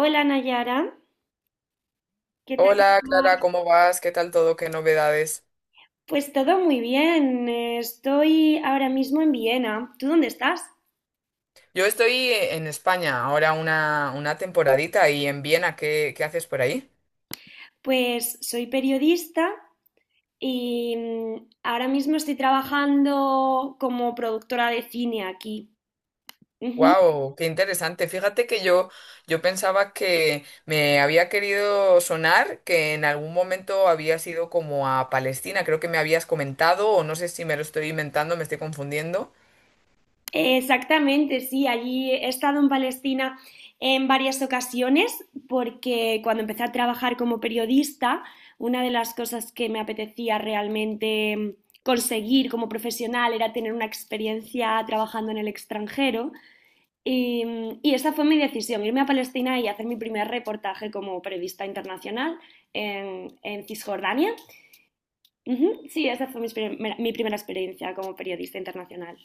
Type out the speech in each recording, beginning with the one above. Hola, Nayara, ¿qué tal? Hola Clara, ¿Estás? ¿cómo vas? ¿Qué tal todo? ¿Qué novedades? Pues todo muy bien. Estoy ahora mismo en Viena. ¿Tú dónde estás? Yo estoy en España ahora una temporadita y en Viena, ¿qué haces por ahí? Pues soy periodista y ahora mismo estoy trabajando como productora de cine aquí. ¡Wow! ¡Qué interesante! Yo pensaba que me había querido sonar que en algún momento habías ido como a Palestina, creo que me habías comentado o no sé si me lo estoy inventando, me estoy confundiendo. Exactamente, sí, allí he estado en Palestina en varias ocasiones porque cuando empecé a trabajar como periodista, una de las cosas que me apetecía realmente conseguir como profesional era tener una experiencia trabajando en el extranjero y, y esa fue mi decisión: irme a Palestina y hacer mi primer reportaje como periodista internacional, en Cisjordania. Ujú, sí, esa fue mi primera experiencia como periodista internacional.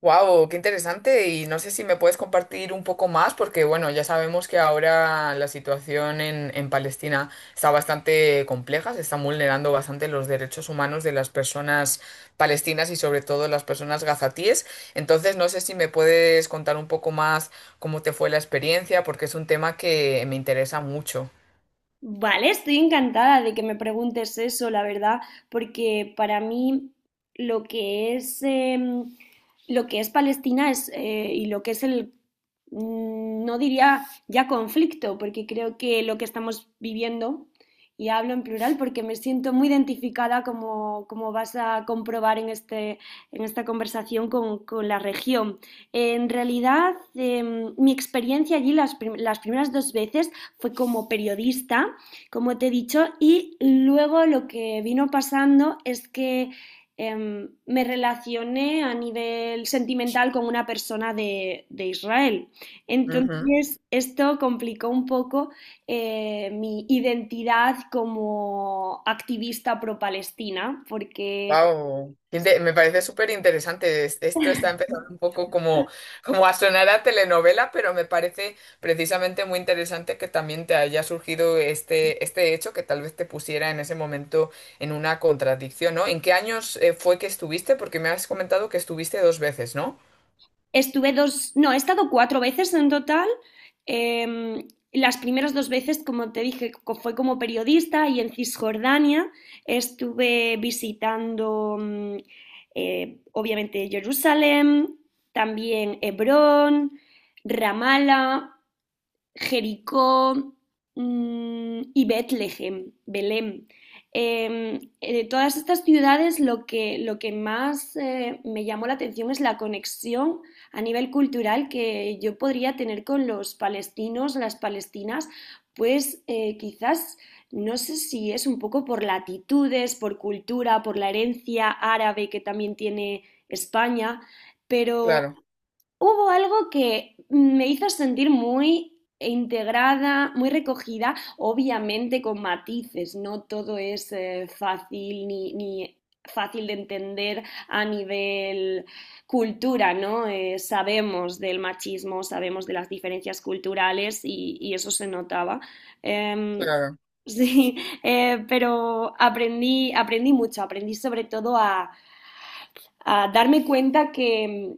Wow, qué interesante. Y no sé si me puedes compartir un poco más, porque bueno, ya sabemos que ahora la situación en Palestina está bastante compleja, se están vulnerando bastante los derechos humanos de las personas palestinas y sobre todo las personas gazatíes. Entonces, no sé si me puedes contar un poco más cómo te fue la experiencia, porque es un tema que me interesa mucho. Vale, estoy encantada de que me preguntes eso, la verdad, porque para mí lo que es em, lo que es Palestina es, y lo que es el, no diría ya conflicto, porque creo que lo que estamos viviendo, y hablo en plural porque me siento muy identificada, como vas a comprobar en esta conversación, con la región. En realidad, mi experiencia allí las primeras 2 veces fue como periodista, como te he dicho, y luego lo que vino pasando es que, me relacioné a nivel sentimental con una persona de Israel. Entonces, esto complicó un poco, mi identidad como activista pro-Palestina, porque... Wow, me parece súper interesante. Esto está empezando un poco como a sonar a telenovela, pero me parece precisamente muy interesante que también te haya surgido este hecho que tal vez te pusiera en ese momento en una contradicción, ¿no? ¿En qué años fue que estuviste? Porque me has comentado que estuviste dos veces, ¿no? Estuve dos, no, he estado 4 veces en total. Las primeras 2 veces, como te dije, fue como periodista, y en Cisjordania estuve visitando, obviamente, Jerusalén, también Hebrón, Ramala, Jericó, y Betlehem, Belén. De todas estas ciudades lo que, más, me llamó la atención es la conexión a nivel cultural que yo podría tener con los palestinos, las palestinas. Pues, quizás no sé si es un poco por latitudes, por cultura, por la herencia árabe que también tiene España, pero Claro, hubo algo que me hizo sentir muy integrada, muy recogida, obviamente con matices. No todo es, fácil, ni fácil de entender a nivel cultura, ¿no? Sabemos del machismo, sabemos de las diferencias culturales, y eso se notaba. Em, claro. sí, pero aprendí mucho, aprendí sobre todo a darme cuenta que,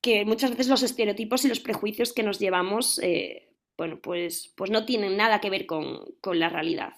que muchas veces los estereotipos y los prejuicios que nos llevamos, bueno, pues no tienen nada que ver con la realidad.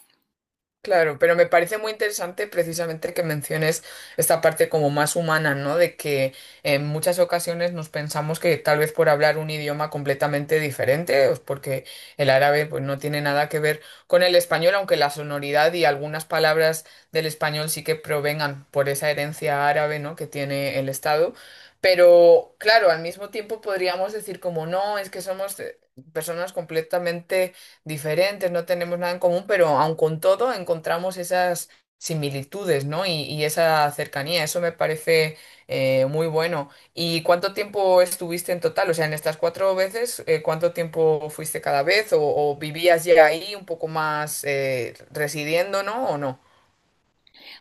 Claro, pero me parece muy interesante precisamente que menciones esta parte como más humana, ¿no? De que en muchas ocasiones nos pensamos que tal vez por hablar un idioma completamente diferente, pues porque el árabe pues no tiene nada que ver con el español, aunque la sonoridad y algunas palabras del español sí que provengan por esa herencia árabe, ¿no? que tiene el Estado. Pero claro, al mismo tiempo podríamos decir como no, es que somos personas completamente diferentes, no tenemos nada en común, pero aun con todo encontramos esas similitudes, ¿no? Y esa cercanía, eso me parece muy bueno. ¿Y cuánto tiempo estuviste en total? O sea, en estas cuatro veces, ¿cuánto tiempo fuiste cada vez? ¿O vivías ya ahí un poco más residiendo, ¿no? ¿O no?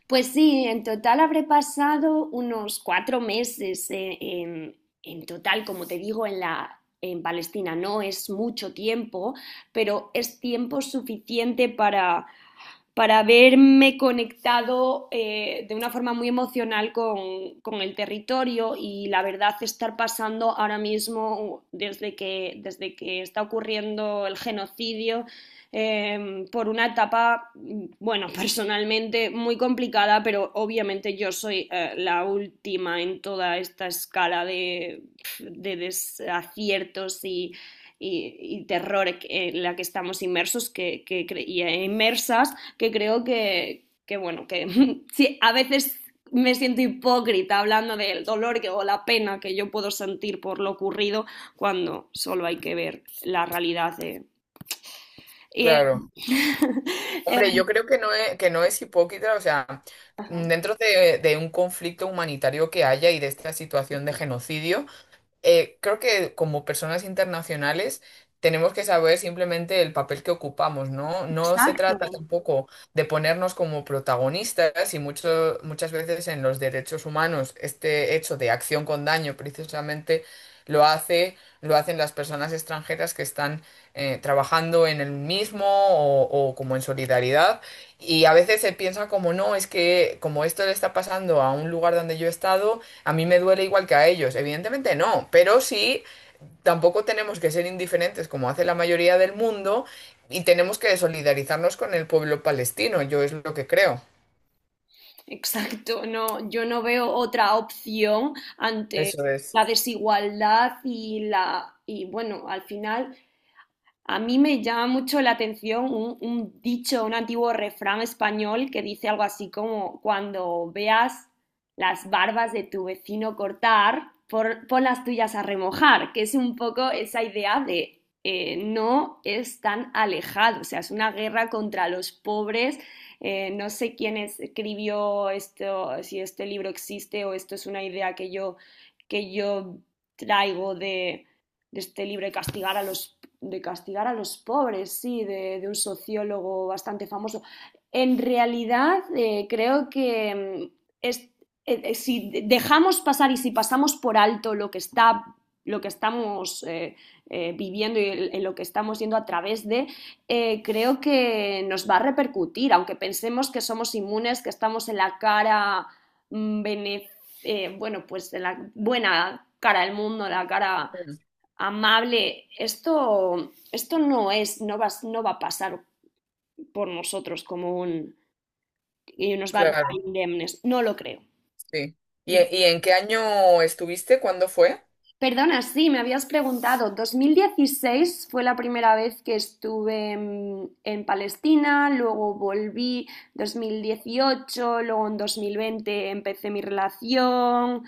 Pues sí, en total habré pasado unos 4 meses, en total, como te digo, en Palestina. No es mucho tiempo, pero es tiempo suficiente para haberme conectado, de una forma muy emocional con el territorio. Y la verdad, estar pasando ahora mismo, desde que está ocurriendo el genocidio, por una etapa, bueno, personalmente muy complicada. Pero obviamente yo soy, la última en toda esta escala de desaciertos y terror en la que estamos inmersos, y inmersas, que creo que bueno, que sí, a veces me siento hipócrita hablando del dolor que, o la pena que yo puedo sentir por lo ocurrido, cuando solo hay que ver la realidad de... Y, eh, Claro. eh, Hombre, yo creo que que no es hipócrita, o sea, ajá. dentro de un conflicto humanitario que haya y de esta situación de genocidio, creo que como personas internacionales tenemos que saber simplemente el papel que ocupamos, ¿no? No se Exacto. trata tampoco de ponernos como protagonistas y muchas veces en los derechos humanos este hecho de acción con daño precisamente lo hace, lo hacen las personas extranjeras que están trabajando en el mismo o como en solidaridad. Y a veces se piensa como no, es que como esto le está pasando a un lugar donde yo he estado, a mí me duele igual que a ellos, evidentemente no, pero sí tampoco tenemos que ser indiferentes como hace la mayoría del mundo y tenemos que solidarizarnos con el pueblo palestino, yo es lo que creo. Exacto, no, yo no veo otra opción ante Eso es. la desigualdad y y bueno, al final a mí me llama mucho la atención un dicho, un antiguo refrán español que dice algo así como: cuando veas las barbas de tu vecino cortar, pon las tuyas a remojar. Que es un poco esa idea de, no es tan alejado, o sea, es una guerra contra los pobres. No sé quién escribió esto, si este libro existe o esto es una idea que yo, que yo traigo de este libro de castigar a los, pobres, sí, de un sociólogo bastante famoso. En realidad, creo que, es, si dejamos pasar y si pasamos por alto lo que estamos, viviendo, y en lo que estamos yendo a través de... Creo que nos va a repercutir, aunque pensemos que somos inmunes, que estamos en la cara, mm, bene- bueno, pues en la buena cara del mundo, la cara Mm, amable. Esto no es, no va a pasar por nosotros como un... Y nos va a dejar Claro, indemnes, no lo creo. sí. ¿Y en qué año estuviste? ¿Cuándo fue? Perdona, sí, me habías preguntado. 2016 fue la primera vez que estuve en Palestina, luego volví 2018, luego en 2020 empecé mi relación,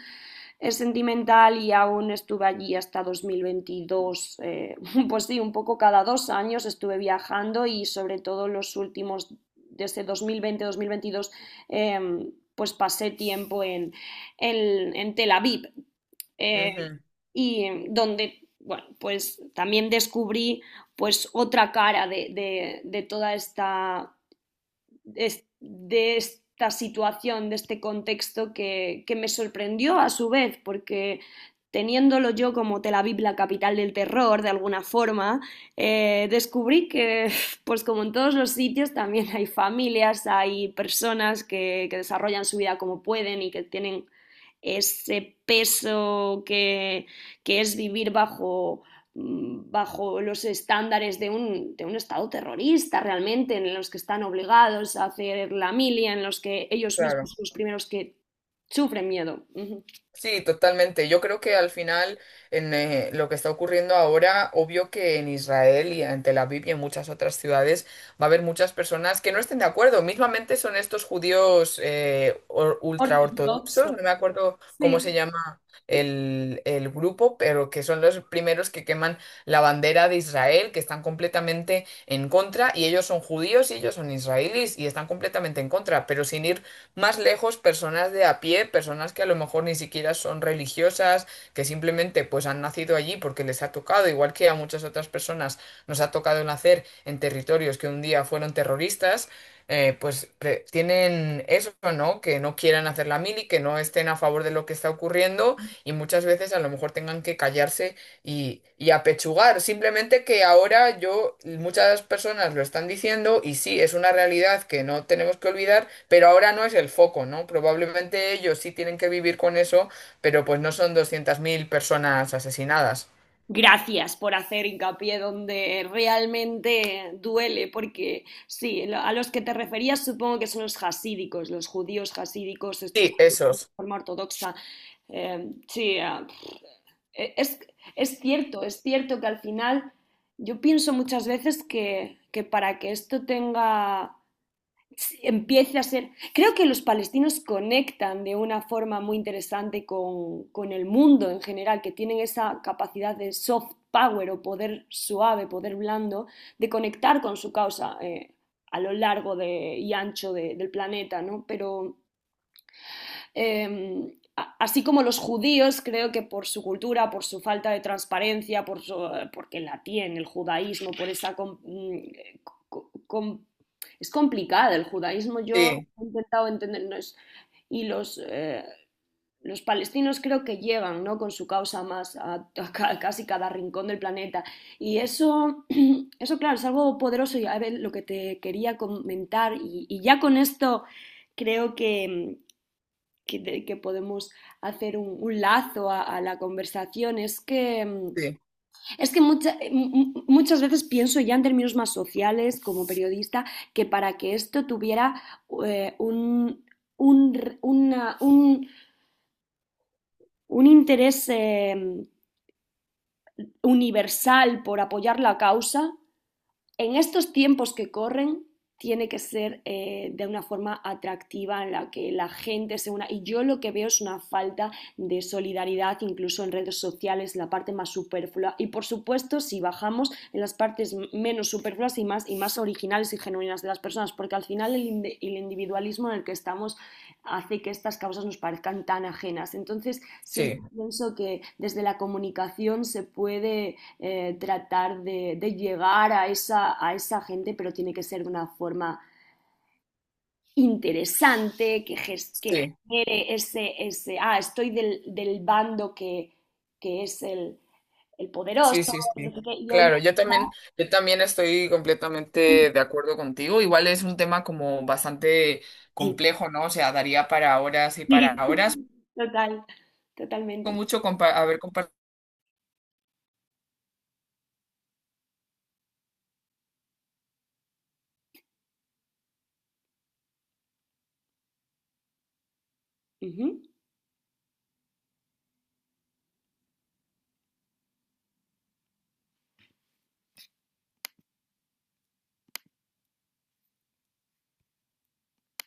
sentimental, y aún estuve allí hasta 2022. Pues sí, un poco cada 2 años estuve viajando, y sobre todo los últimos, desde 2020-2022, pues pasé tiempo en, en Tel Aviv, eh, Ujú, y donde, bueno, pues también descubrí pues otra cara de toda esta, de esta situación, de este contexto que me sorprendió a su vez, porque teniéndolo yo como Tel Aviv la capital del terror, de alguna forma, descubrí que, pues como en todos los sitios, también hay familias, hay personas que desarrollan su vida como pueden y que tienen ese peso que es vivir bajo, bajo los estándares de un Estado terrorista realmente, en los que están obligados a hacer la milia, en los que ellos mismos claro. son los primeros que sufren miedo. Uh -huh. Sí, totalmente. Yo creo que al final, en lo que está ocurriendo ahora, obvio que en Israel y en Tel Aviv y en muchas otras ciudades va a haber muchas personas que no estén de acuerdo. Mismamente son estos judíos Ortodoxo. ultraortodoxos, no me acuerdo cómo Sí. se llama el grupo, pero que son los primeros que queman la bandera de Israel, que están completamente en contra, y ellos son judíos y ellos son israelíes y están completamente en contra, pero sin ir más lejos personas de a pie, personas que a lo mejor ni siquiera son religiosas, que simplemente pues han nacido allí porque les ha tocado, igual que a muchas otras personas nos ha tocado nacer en territorios que un día fueron terroristas, pues pre- tienen eso, ¿no? Que no quieran hacer la mili, que no estén a favor de lo que está ocurriendo y muchas veces a lo mejor tengan que callarse y apechugar. Simplemente que ahora yo, muchas personas lo están diciendo y sí, es una realidad que no tenemos que olvidar, pero ahora no es el foco, ¿no? Probablemente ellos sí tienen que vivir con eso, pero pues no son 200.000 personas asesinadas. Gracias por hacer hincapié donde realmente duele, porque sí, a los que te referías supongo que son los jasídicos, los judíos jasídicos estos Sí, que viven esos. de forma ortodoxa. Sí, E- Es, es cierto que al final yo pienso muchas veces que, para que esto tenga, empiece a ser, creo que los palestinos conectan de una forma muy interesante con el mundo en general, que tienen esa capacidad de soft power, o poder suave, poder blando, de conectar con su causa, a lo largo y ancho del planeta, ¿no? Pero, eh, así como los judíos, creo que por su cultura, por su falta de transparencia, porque la tiene el judaísmo, por esa... com, com, es complicada el judaísmo. Yo Sí, he intentado entender, no es, y los palestinos creo que llegan, ¿no?, con su causa más a casi cada rincón del planeta. Y eso... Eso, claro, es algo poderoso. Y a ver, lo que te quería comentar. Y ya con esto creo que, que podemos hacer un lazo a la conversación, es que, mm, sí, es que muchas veces pienso ya en términos más sociales como periodista, que para que esto tuviera, eh, un, un una- un- un interés, universal, por apoyar la causa. En estos tiempos que corren tiene que ser, de una forma atractiva en la que la gente se una. Y yo lo que veo es una falta de solidaridad, incluso en redes sociales, la parte más superflua. Y por supuesto, si bajamos en las partes menos superfluas y más, originales y genuinas de las personas, porque al final el individualismo en el que estamos hace que estas causas nos parezcan tan ajenas. Entonces, siempre sí, pienso que desde la comunicación se puede, tratar de llegar a esa gente, pero tiene que ser de una forma interesante, que, que sí, genere ese, ah, estoy del bando que es el poderoso, sí, sí, no sí. sé qué, y hoy... Claro, yo también estoy completamente de acuerdo contigo. Igual es un tema como bastante Sí, complejo, ¿no? O sea, daría para horas y para sí, horas. total, Con totalmente. Haber compartido. Ujú.